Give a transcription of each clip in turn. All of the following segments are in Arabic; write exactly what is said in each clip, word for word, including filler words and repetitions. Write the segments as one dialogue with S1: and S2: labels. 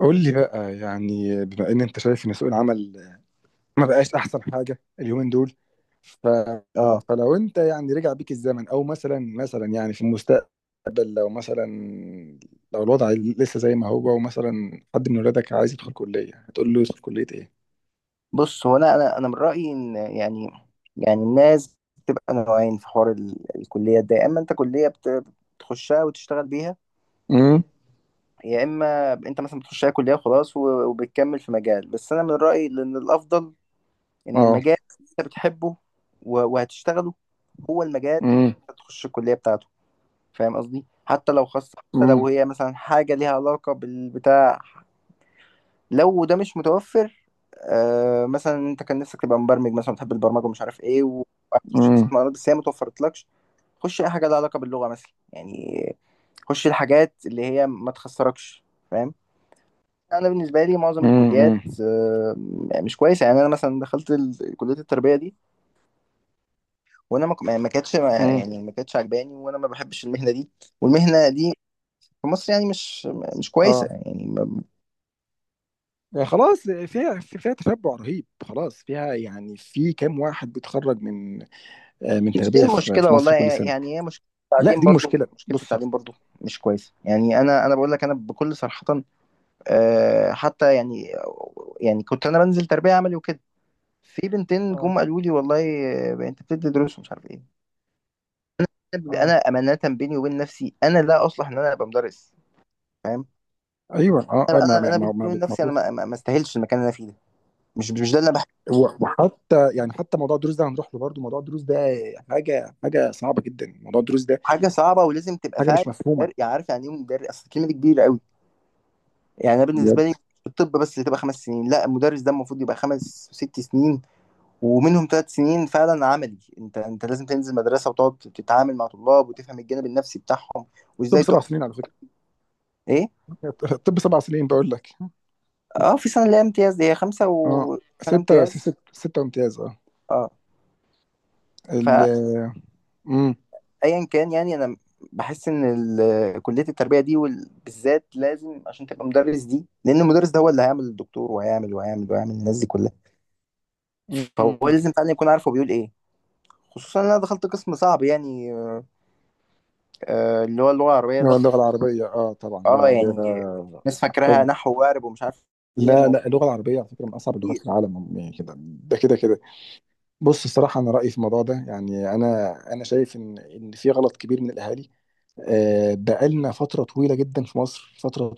S1: قول لي بقى، يعني بما ان انت شايف ان سوق العمل ما بقاش احسن حاجه اليومين دول. ف...
S2: اه،
S1: فلو انت يعني رجع بيك الزمن او مثلا مثلا يعني في المستقبل، لو مثلا، لو الوضع لسه زي ما هو ومثلا حد من ولادك عايز يدخل كليه، هتقول له يدخل كليه ايه؟
S2: بص. هو انا انا انا من رايي ان يعني يعني الناس بتبقى نوعين في حوار ال- الكليه ده، يا اما انت كليه بت- بتخشها وتشتغل بيها،
S1: امم.
S2: يا اما انت مثلا بتخشها كليه وخلاص و- وبتكمل في مجال. بس انا من رايي ان الافضل ان
S1: اه.
S2: المجال اللي انت بتحبه و- وهتشتغله هو المجال
S1: امم.
S2: اللي تخش الكليه بتاعته. فاهم قصدي؟ حتى لو خاصه، حتى
S1: امم.
S2: لو هي مثلا حاجه ليها علاقه بالبتاع، لو ده مش متوفر. آه، مثلا انت كان نفسك تبقى مبرمج مثلا، بتحب البرمجه ومش عارف ايه، وتخش
S1: امم.
S2: حسابات معلومات بس هي ما توفرتلكش. خش اي حاجه لها علاقه باللغه مثلا يعني. خش الحاجات اللي هي ما تخسركش. فاهم؟ انا بالنسبه لي معظم الكليات
S1: امم.
S2: آه، مش كويسه يعني. انا مثلا دخلت ال- كليه التربيه دي، وانا ما ك- ما كانتش ما-
S1: امم.
S2: يعني ما كانتش عجباني، وانا ما بحبش المهنه دي. والمهنه دي في مصر يعني مش مش كويسه
S1: اه.
S2: يعني.
S1: يعني خلاص فيها، فيها تشبع رهيب، خلاص فيها، يعني في كام واحد بيتخرج من آه، من
S2: مش دي
S1: تربيه في في
S2: المشكلة والله،
S1: مصر كل سنه.
S2: يعني هي مشكلة
S1: لا،
S2: التعليم
S1: دي
S2: برضو،
S1: مشكله،
S2: مشكلة
S1: بص.
S2: التعليم برضو مش كويسة يعني. أنا أنا بقول لك أنا بكل صراحة، آه، حتى يعني. يعني كنت أنا بنزل تربية عملي وكده، في بنتين
S1: اه.
S2: جم قالوا لي والله، آه، أنت بتدي دروس ومش عارف إيه.
S1: اه.
S2: أنا أمانة بيني وبين نفسي أنا لا أصلح إن أنا أبقى مدرس. فاهم؟
S1: ايوه. اه. آه، ما
S2: أنا
S1: ما
S2: أنا
S1: ما
S2: بيني
S1: ما
S2: وبين نفسي
S1: بتمرش.
S2: أنا ما ما- ما استاهلش المكان اللي أنا فيه ده. مش مش ده اللي أنا بحبه.
S1: و- وحتى يعني حتى موضوع الدروس ده هنروح له برضه. موضوع الدروس ده حاجه حاجه صعبه جدا، موضوع الدروس ده
S2: حاجة صعبة ولازم تبقى
S1: حاجه
S2: فاهم.
S1: مش مفهومه.
S2: عارف يعني إيه مدرس؟ أصل الكلمة دي كبيرة قوي. يعني انا بالنسبه لي،
S1: بجد.
S2: في الطب بس تبقى خمس سنين، لا المدرس ده المفروض يبقى خمس وست سنين، ومنهم ثلاث سنين فعلا عملي. انت انت لازم تنزل مدرسه وتقعد تتعامل مع طلاب وتفهم الجانب النفسي بتاعهم،
S1: طب
S2: وازاي
S1: سبع
S2: تقف.
S1: سنين على فكره.
S2: ايه؟
S1: طب سبع سنين بقول لك.
S2: اه، في سنه اللي هي امتياز، دي هي خمسه
S1: اه.
S2: وسنه
S1: ستة ستة
S2: امتياز.
S1: ستة امتياز. اه.
S2: اه.
S1: ال
S2: فايا،
S1: امم
S2: كان يعني انا بحس ان ال- كليه التربيه دي وال- بالذات لازم عشان تبقى مدرس دي، لان المدرس ده هو اللي هيعمل الدكتور وهيعمل وهيعمل وهيعمل الناس دي كلها. فهو
S1: م-
S2: لازم فعلا يكون عارف هو بيقول ايه. خصوصا إن أنا دخلت قسم صعب يعني، آه، اللي هو اللغة العربية
S1: م-
S2: ده.
S1: اللغة
S2: في
S1: العربية. اه، طبعا اللغة
S2: اه
S1: العربية ده
S2: يعني ناس فاكراها
S1: محتاج.
S2: نحو وقارب ومش عارف ايه.
S1: لا
S2: ما هو
S1: لا، اللغة العربية على فكرة من أصعب اللغات في
S2: كتير.
S1: العالم، يعني كده، ده كده كده. بص، الصراحة أنا رأيي في الموضوع ده، يعني أنا أنا شايف إن إن في غلط كبير من الأهالي. آه، بقالنا فترة طويلة جدا في مصر، فترة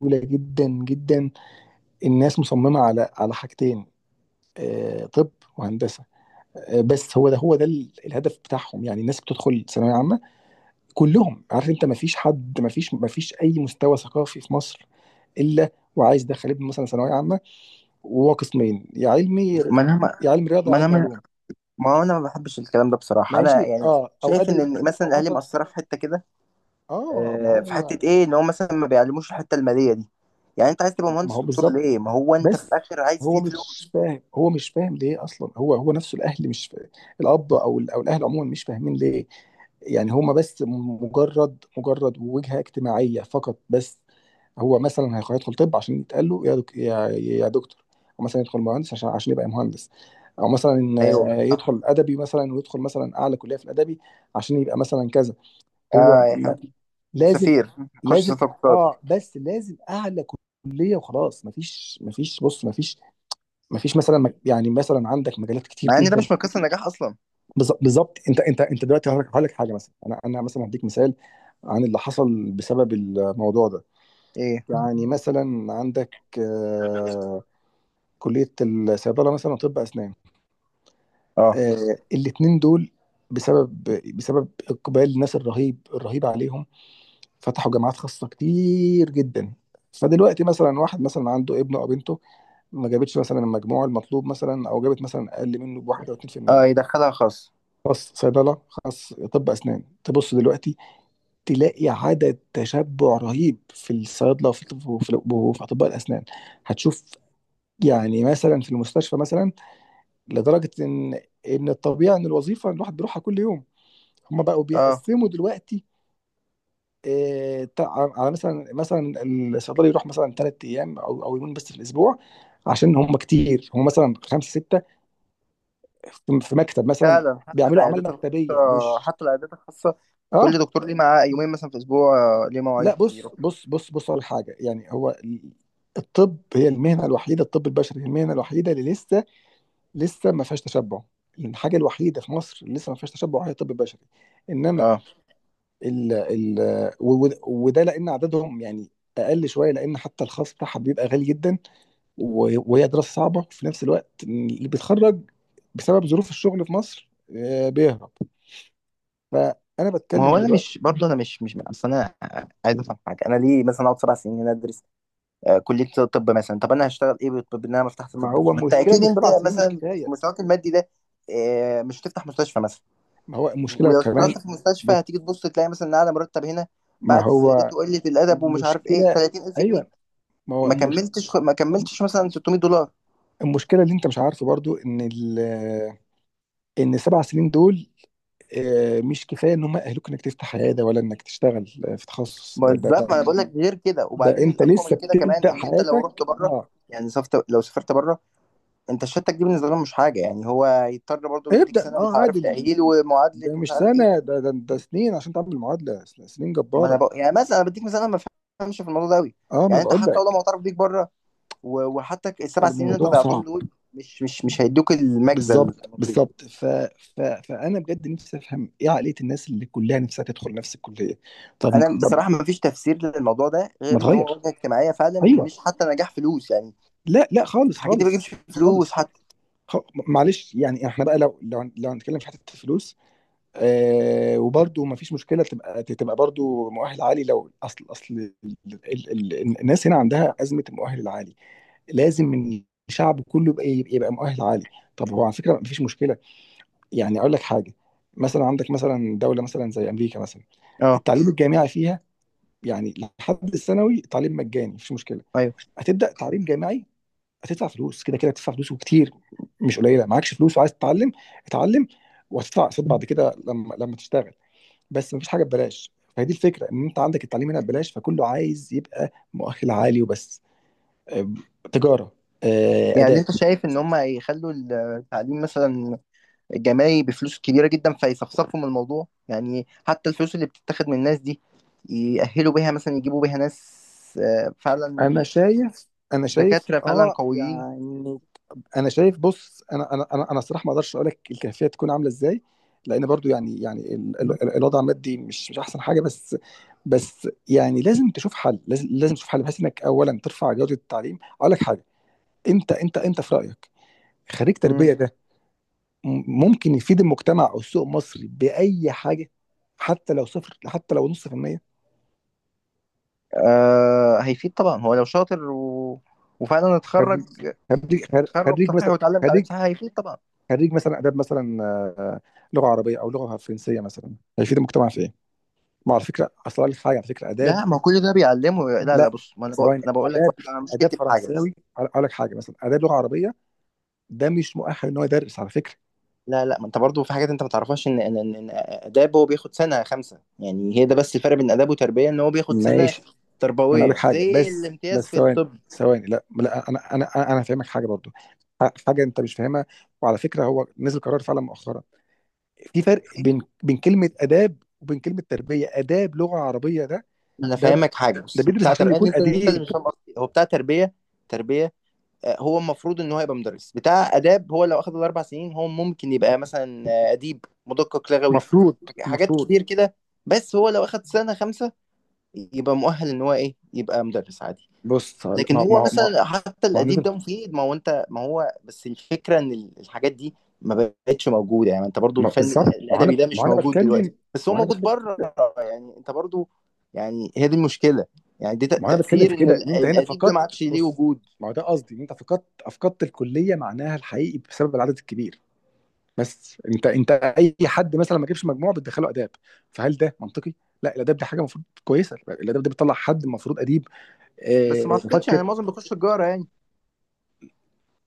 S1: طويلة جدا جدا، الناس مصممة على على حاجتين: آه، طب وهندسة. آه، بس هو ده هو ده ال- الهدف بتاعهم. يعني الناس بتدخل ثانوية عامة كلهم، عارف أنت، ما فيش حد، ما فيش ما فيش أي مستوى ثقافي في مصر إلا وعايز يدخل ابنه مثلا ثانوية عامة. وهو قسمين: يا علمي،
S2: ما انا
S1: يا
S2: ما
S1: علم رياضة يا
S2: ما انا
S1: علم
S2: ما
S1: علوم.
S2: ما هو انا ما بحبش الكلام ده بصراحة، انا
S1: ماشي،
S2: يعني
S1: اه، او
S2: شايف ان
S1: ادبي،
S2: إن مثلا
S1: او
S2: الاهالي
S1: مثلا.
S2: مقصرة في حتة كده.
S1: اه، ما
S2: آه، في
S1: هو
S2: حتة ايه؟ ان هو مثلا ما بيعلموش الحتة المالية دي. يعني انت عايز تبقى
S1: ما هو
S2: مهندس دكتور
S1: بالظبط.
S2: ليه؟ ما هو انت في
S1: بس
S2: الاخر عايز
S1: هو
S2: تجيب فلوس.
S1: مش فاهم هو مش فاهم ليه اصلا. هو هو نفسه الاهل مش فاهم. الاب او ال- او الاهل عموما مش فاهمين ليه. يعني هما بس مجرد مجرد وجهة اجتماعية فقط بس. هو مثلا هيخ- هيدخل طب عشان يتقال له يا دك... يا يا دكتور. او مثلا يدخل مهندس عشان عشان يبقى مهندس. او مثلا،
S2: ايوه
S1: آه،
S2: صح.
S1: يدخل ادبي مثلا، ويدخل مثلا اعلى كليه في الادبي عشان يبقى مثلا كذا. هو
S2: اه يا عم. يا
S1: لازم
S2: سفير خش
S1: لازم
S2: سياسة اقتصاد.
S1: اه، بس لازم اعلى كليه وخلاص. مفيش مفيش، بص، مفيش مفيش مثلا، مك- يعني مثلا عندك مجالات كتير
S2: مع ان ده
S1: جدا.
S2: مش من قصة النجاح اصلا.
S1: بالظ- بالظبط. انت انت انت دلوقتي، هقول لك هقول لك حاجه، مثلا انا انا مثلا هديك مثال عن اللي حصل بسبب الموضوع ده.
S2: ايه؟
S1: يعني مثلا عندك، آه، كليه الصيدله مثلا وطب اسنان،
S2: اه.
S1: آه، الاتنين دول، بسبب بسبب اقبال الناس الرهيب الرهيب عليهم، فتحوا جامعات خاصة كتير جدا. فدلوقتي مثلا واحد مثلا عنده ابنه او بنته، ما جابتش مثلا المجموع المطلوب، مثلا، او جابت مثلا اقل منه بواحد او اتنين في المية،
S2: اه، يدخلها خاص.
S1: خاص صيدله، خاص طب اسنان. تبص دلوقتي تلاقي عدد تشبع رهيب في الصيادله، وفي الطب- وفي وفي اطباء الاسنان، هتشوف. يعني مثلا في المستشفى مثلا، لدرجه ان ان الطبيعي ان الوظيفه الواحد بيروحها كل يوم، هم بقوا
S2: اه
S1: بيقسموا دلوقتي. إيه، تع- على مثلا مثلا، الصيدلي يروح مثلا ثلاث ايام او او يومين بس في الاسبوع، عشان هم كتير، هم مثلا خمسه سته في في مكتب مثلا،
S2: فعلا، حتى
S1: بيعملوا اعمال
S2: العيادات
S1: مكتبيه،
S2: الخاصة.
S1: مش،
S2: حتى العيادات الخاصة
S1: اه.
S2: كل دكتور ليه معاه يومين مثلا في الأسبوع، آه، ليه
S1: لا،
S2: مواعيد
S1: بص
S2: بيروح فيها.
S1: بص بص بص على حاجه. يعني هو ال- الطب هي المهنه الوحيده، الطب البشري هي المهنه الوحيده اللي لسه لسه ما فيهاش تشبع. الحاجه الوحيده في مصر اللي لسه ما فيهاش تشبع هي الطب البشري، انما
S2: اه.
S1: ال ال و- و- وده لان عددهم يعني اقل شويه، لان حتى الخاص بتاعها بيبقى غالي جدا. و- وهي دراسة صعبة، وفي نفس الوقت اللي بيتخرج بسبب ظروف الشغل في مصر، آه، بيهرب. فأنا
S2: ما هو
S1: بتكلم
S2: انا
S1: دلوقتي.
S2: مش برضه، انا مش مش اصل انا عايز افهم حاجه. انا ليه مثلا اقعد سبع سنين هنا ادرس آه، كليه طب مثلا؟ طب انا هشتغل ايه بالطب؟ ان انا ما فتحت
S1: ما
S2: طب
S1: هو
S2: دي، ما انت
S1: المشكلة
S2: اكيد
S1: إن
S2: انت
S1: السبع سنين مش
S2: مثلا في
S1: كفاية.
S2: مستواك المادي ده آه، مش هتفتح مستشفى مثلا.
S1: ما هو المشكلة
S2: ولو
S1: كمان،
S2: اشتغلت في مستشفى
S1: بص،
S2: هتيجي تبص تلاقي مثلا إن اعلى مرتب هنا
S1: ما
S2: بعد
S1: هو
S2: الزيادات وقله الادب ومش عارف ايه
S1: المشكلة.
S2: تلاتين الف جنيه.
S1: أيوه، ما هو
S2: ما
S1: المشكلة.
S2: كملتش ما كملتش مثلا ستمية دولار.
S1: المشكلة اللي أنت مش عارفه برضو إن ال إن السبع سنين دول آه، مش كفاية إن هم يأهلوك إنك تفتح عيادة، ولا إنك تشتغل آه، في تخصص ده, ده,
S2: بالظبط. ما
S1: ده,
S2: انا بقول لك غير كده.
S1: ده
S2: وبعدين
S1: أنت
S2: الاقوى
S1: لسه
S2: من كده كمان
S1: بتبدأ
S2: ان انت لو رحت
S1: حياتك،
S2: بره،
S1: أه،
S2: يعني سافرت، لو سافرت بره، انت الشهادتك دي بالنسبه لهم مش حاجه يعني. هو يضطر برضه يديك
S1: ابدأ،
S2: سنه مش
S1: أه،
S2: عارف
S1: عادي.
S2: تاهيل ومعادله
S1: ده
S2: مش
S1: مش
S2: عارف ايه.
S1: سنة، ده ده, ده سنين عشان تعمل معادلة سن- سنين
S2: ما انا
S1: جبارة.
S2: بقى يعني مثلا انا بديك مثال، انا ما بفهمش في الموضوع ده قوي.
S1: اه، ما انا
S2: يعني انت
S1: بقول
S2: حتى لو
S1: لك،
S2: معترف بيك بره، و- وحتى السبع سنين اللي انت
S1: الموضوع
S2: ضيعتهم
S1: صعب.
S2: دول مش مش مش هيدوك المجزى
S1: بالظبط
S2: المطلوب.
S1: بالظبط ف... ف... فانا بجد نفسي افهم ايه عقلية الناس اللي كلها نفسها تدخل نفس الكلية. طب.
S2: انا
S1: طب،
S2: بصراحه ما فيش تفسير للموضوع ده
S1: ما
S2: غير ان هو
S1: تغير؟
S2: وجهه اجتماعيه فعلا،
S1: ايوه.
S2: مش حتى نجاح فلوس يعني.
S1: لا لا، خالص
S2: الحاجات دي ما
S1: خالص
S2: بتجيبش فلوس
S1: خالص.
S2: حتى.
S1: خ... معلش، يعني احنا بقى، لو لو لو هنتكلم في حتة الفلوس، آه، وبرده ما فيش مشكلة تبقى تبقى برده مؤهل عالي، لو اصل اصل ال... ال... ال... الناس هنا عندها أزمة المؤهل العالي. لازم إن الشعب كله يبقى يبقى مؤهل عالي. طب هو على فكره مفيش مشكله، يعني اقول لك حاجه، مثلا عندك مثلا دوله مثلا زي امريكا مثلا،
S2: اه.
S1: التعليم الجامعي فيها، يعني لحد الثانوي تعليم مجاني، مفيش مشكله.
S2: ايوه.
S1: هتبدا تعليم جامعي، هتدفع فلوس كده كده، هتدفع فلوس وكتير، مش قليله. معكش فلوس وعايز تتعلم؟ اتعلم، وهتدفع قسط بعد كده لما لما تشتغل. بس مفيش حاجه ببلاش. فهي دي الفكره، ان انت عندك التعليم هنا ببلاش، فكله عايز يبقى مؤهل عالي وبس. أم، تجاره، أه،
S2: يعني
S1: اداب.
S2: انت شايف ان هم يخلوا التعليم مثلا الجامعي بفلوس كبيره جدا، فيصفصفوا من الموضوع يعني؟ حتى الفلوس اللي بتتاخد من الناس دي يأهلوا بيها مثلا، يجيبوا بيها ناس آه،
S1: انا
S2: فعلا
S1: شايف انا شايف
S2: دكاتره فعلا
S1: اه
S2: قويين.
S1: يعني انا شايف، بص، انا انا انا انا الصراحه ما اقدرش اقول لك الكيفيه تكون عامله ازاي، لان برضو يعني، يعني ال- ال- ال- الوضع المادي مش مش احسن حاجه، بس. بس يعني لازم تشوف حل، لازم لازم تشوف حل بحيث انك اولا ترفع جوده التعليم. اقول لك حاجه، انت انت انت في رايك، خريج
S2: مم.
S1: تربيه ده م- ممكن يفيد المجتمع او السوق المصري باي حاجه؟ حتى لو صفر، حتى لو نص في المية.
S2: آه هيفيد طبعا. هو لو شاطر و... وفعلا اتخرج،
S1: خريج خريج
S2: تخرج
S1: خريج
S2: صحيح
S1: مثلا،
S2: واتعلم تعليم
S1: خريج
S2: صحيح، هيفيد طبعا.
S1: خريج مثلا اداب مثلا، آه، لغه عربيه او لغه فرنسيه، مثلا هيفيد المجتمع في ايه؟ ما هو على فكره، اصل أقول لك حاجه، على فكره اداب.
S2: لا ما هو كل ده بيعلمه. لا لا
S1: لا،
S2: بص، ما انا بقول
S1: ثواني،
S2: انا بقول لك
S1: اداب.
S2: بقى، انا
S1: اداب
S2: مشكلتي في حاجه.
S1: فرنساوي، اقول لك حاجه، مثلا اداب لغه عربيه، ده مش مؤهل ان هو يدرس، على فكره.
S2: لا لا، ما انت برضو في حاجات انت ما تعرفهاش، ان ان ان إن اداب هو بياخد سنه خمسه يعني. هي ده بس الفرق بين اداب وتربيه، ان هو بياخد سنه
S1: ماشي. ما انا اقول لك
S2: تربويه
S1: حاجه،
S2: زي
S1: بس
S2: الامتياز
S1: بس
S2: في
S1: ثواني
S2: الطب.
S1: ثواني. لا لا، انا انا انا أنا هفهمك حاجه برضو، ح- حاجه انت مش فاهمها. وعلى فكره هو نزل قرار فعلا مؤخرا. في فرق بين بين كلمه اداب وبين كلمه تربيه. اداب لغه عربيه ده،
S2: انا
S1: ده
S2: فاهمك حاجه،
S1: ده
S2: بص.
S1: بيدرس
S2: بتاع
S1: عشان
S2: تربيه،
S1: يكون
S2: انت انت اللي
S1: اديب.
S2: مش فاهم قصدي. هو بتاع تربيه تربيه، آه، هو المفروض ان هو يبقى مدرس بتاع اداب. هو لو اخد الاربع سنين، هو ممكن يبقى مثلا آه، اديب، مدقق لغوي،
S1: مفروض.
S2: حاجات
S1: المفروض،
S2: كتير كده. بس هو لو اخد سنه خمسه، يبقى مؤهل ان هو ايه؟ يبقى مدرس عادي.
S1: بص هقول-
S2: لكن
S1: ما،
S2: هو
S1: ما ما
S2: مثلا حتى
S1: ما
S2: الاديب
S1: انا،
S2: ده مفيد. ما هو انت، ما هو بس الفكره ان ال- الحاجات دي ما بقتش موجوده يعني. انت برضو
S1: ما،
S2: الفن ال-
S1: بالظبط. ما انا
S2: الادبي ده
S1: ما
S2: مش
S1: انا
S2: موجود دلوقتي،
S1: بتكلم
S2: بس هو
S1: ما انا
S2: موجود
S1: بتكلم
S2: بره. يعني انت برضو، يعني هي دي المشكله. يعني دي تأ-
S1: ما انا بتكلم
S2: تاثير
S1: في
S2: ان
S1: كده،
S2: ال-
S1: ان انت هنا
S2: الاديب ده ما
S1: فقدت،
S2: عادش ليه
S1: بص،
S2: وجود.
S1: ما هو ده قصدي، ان انت فقدت افقدت الكليه معناها الحقيقي بسبب العدد الكبير. بس انت انت اي حد مثلا ما جابش مجموع بتدخله اداب، فهل ده منطقي؟ لا، الاداب دي حاجه المفروض كويسه، الاداب دي بتطلع حد المفروض اديب،
S2: بس ما
S1: آه،
S2: اعتقدش، يعني
S1: مفكر.
S2: معظم بيخش تجاره يعني.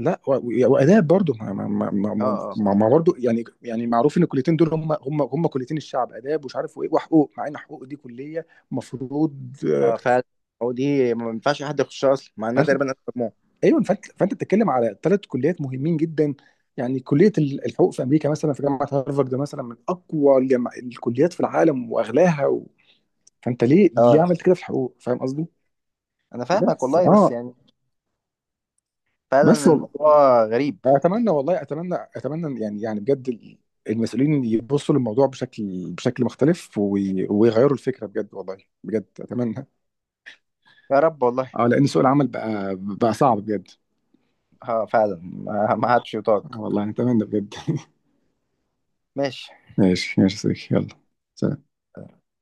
S1: لا. و- و- واداب برضو، ما ما ما ما,
S2: اه.
S1: ما
S2: اه.
S1: ما- ما برضو يعني، يعني معروف ان الكليتين دول هم، هم هم كليتين الشعب، اداب ومش عارف وايه وحقوق، مع ان حقوق دي كليه مفروض.
S2: اه فعلا. هو دي ما ينفعش حد يخشها اصلا مع انها
S1: فانت.
S2: تقريبا ألف مجموعه.
S1: ايوه، فانت فانت بتتكلم على ثلاث كليات مهمين جدا. يعني كليه ال- الحقوق في امريكا مثلا، في جامعه هارفارد، ده مثلا من اقوى الجامع- الكليات في العالم واغلاها، و... فانت ليه ليه
S2: اه.
S1: عملت كده في الحقوق؟ فاهم قصدي؟
S2: انا فاهمك
S1: بس
S2: والله، بس
S1: اه.
S2: يعني
S1: بس
S2: فعلا
S1: والله
S2: الموضوع غريب.
S1: اتمنى، والله اتمنى اتمنى يعني، يعني بجد ال- المسؤولين يبصوا للموضوع بشكل بشكل مختلف، وي- ويغيروا الفكره بجد والله. بجد اتمنى.
S2: يا رب والله.
S1: اه، لان سوق العمل بقى بقى صعب بجد.
S2: اه فعلا، ما ما عادش
S1: آه
S2: يطاق.
S1: والله اتمنى بجد.
S2: ماشي.
S1: ماشي. ماشي يا صديقي، يلا، سلام.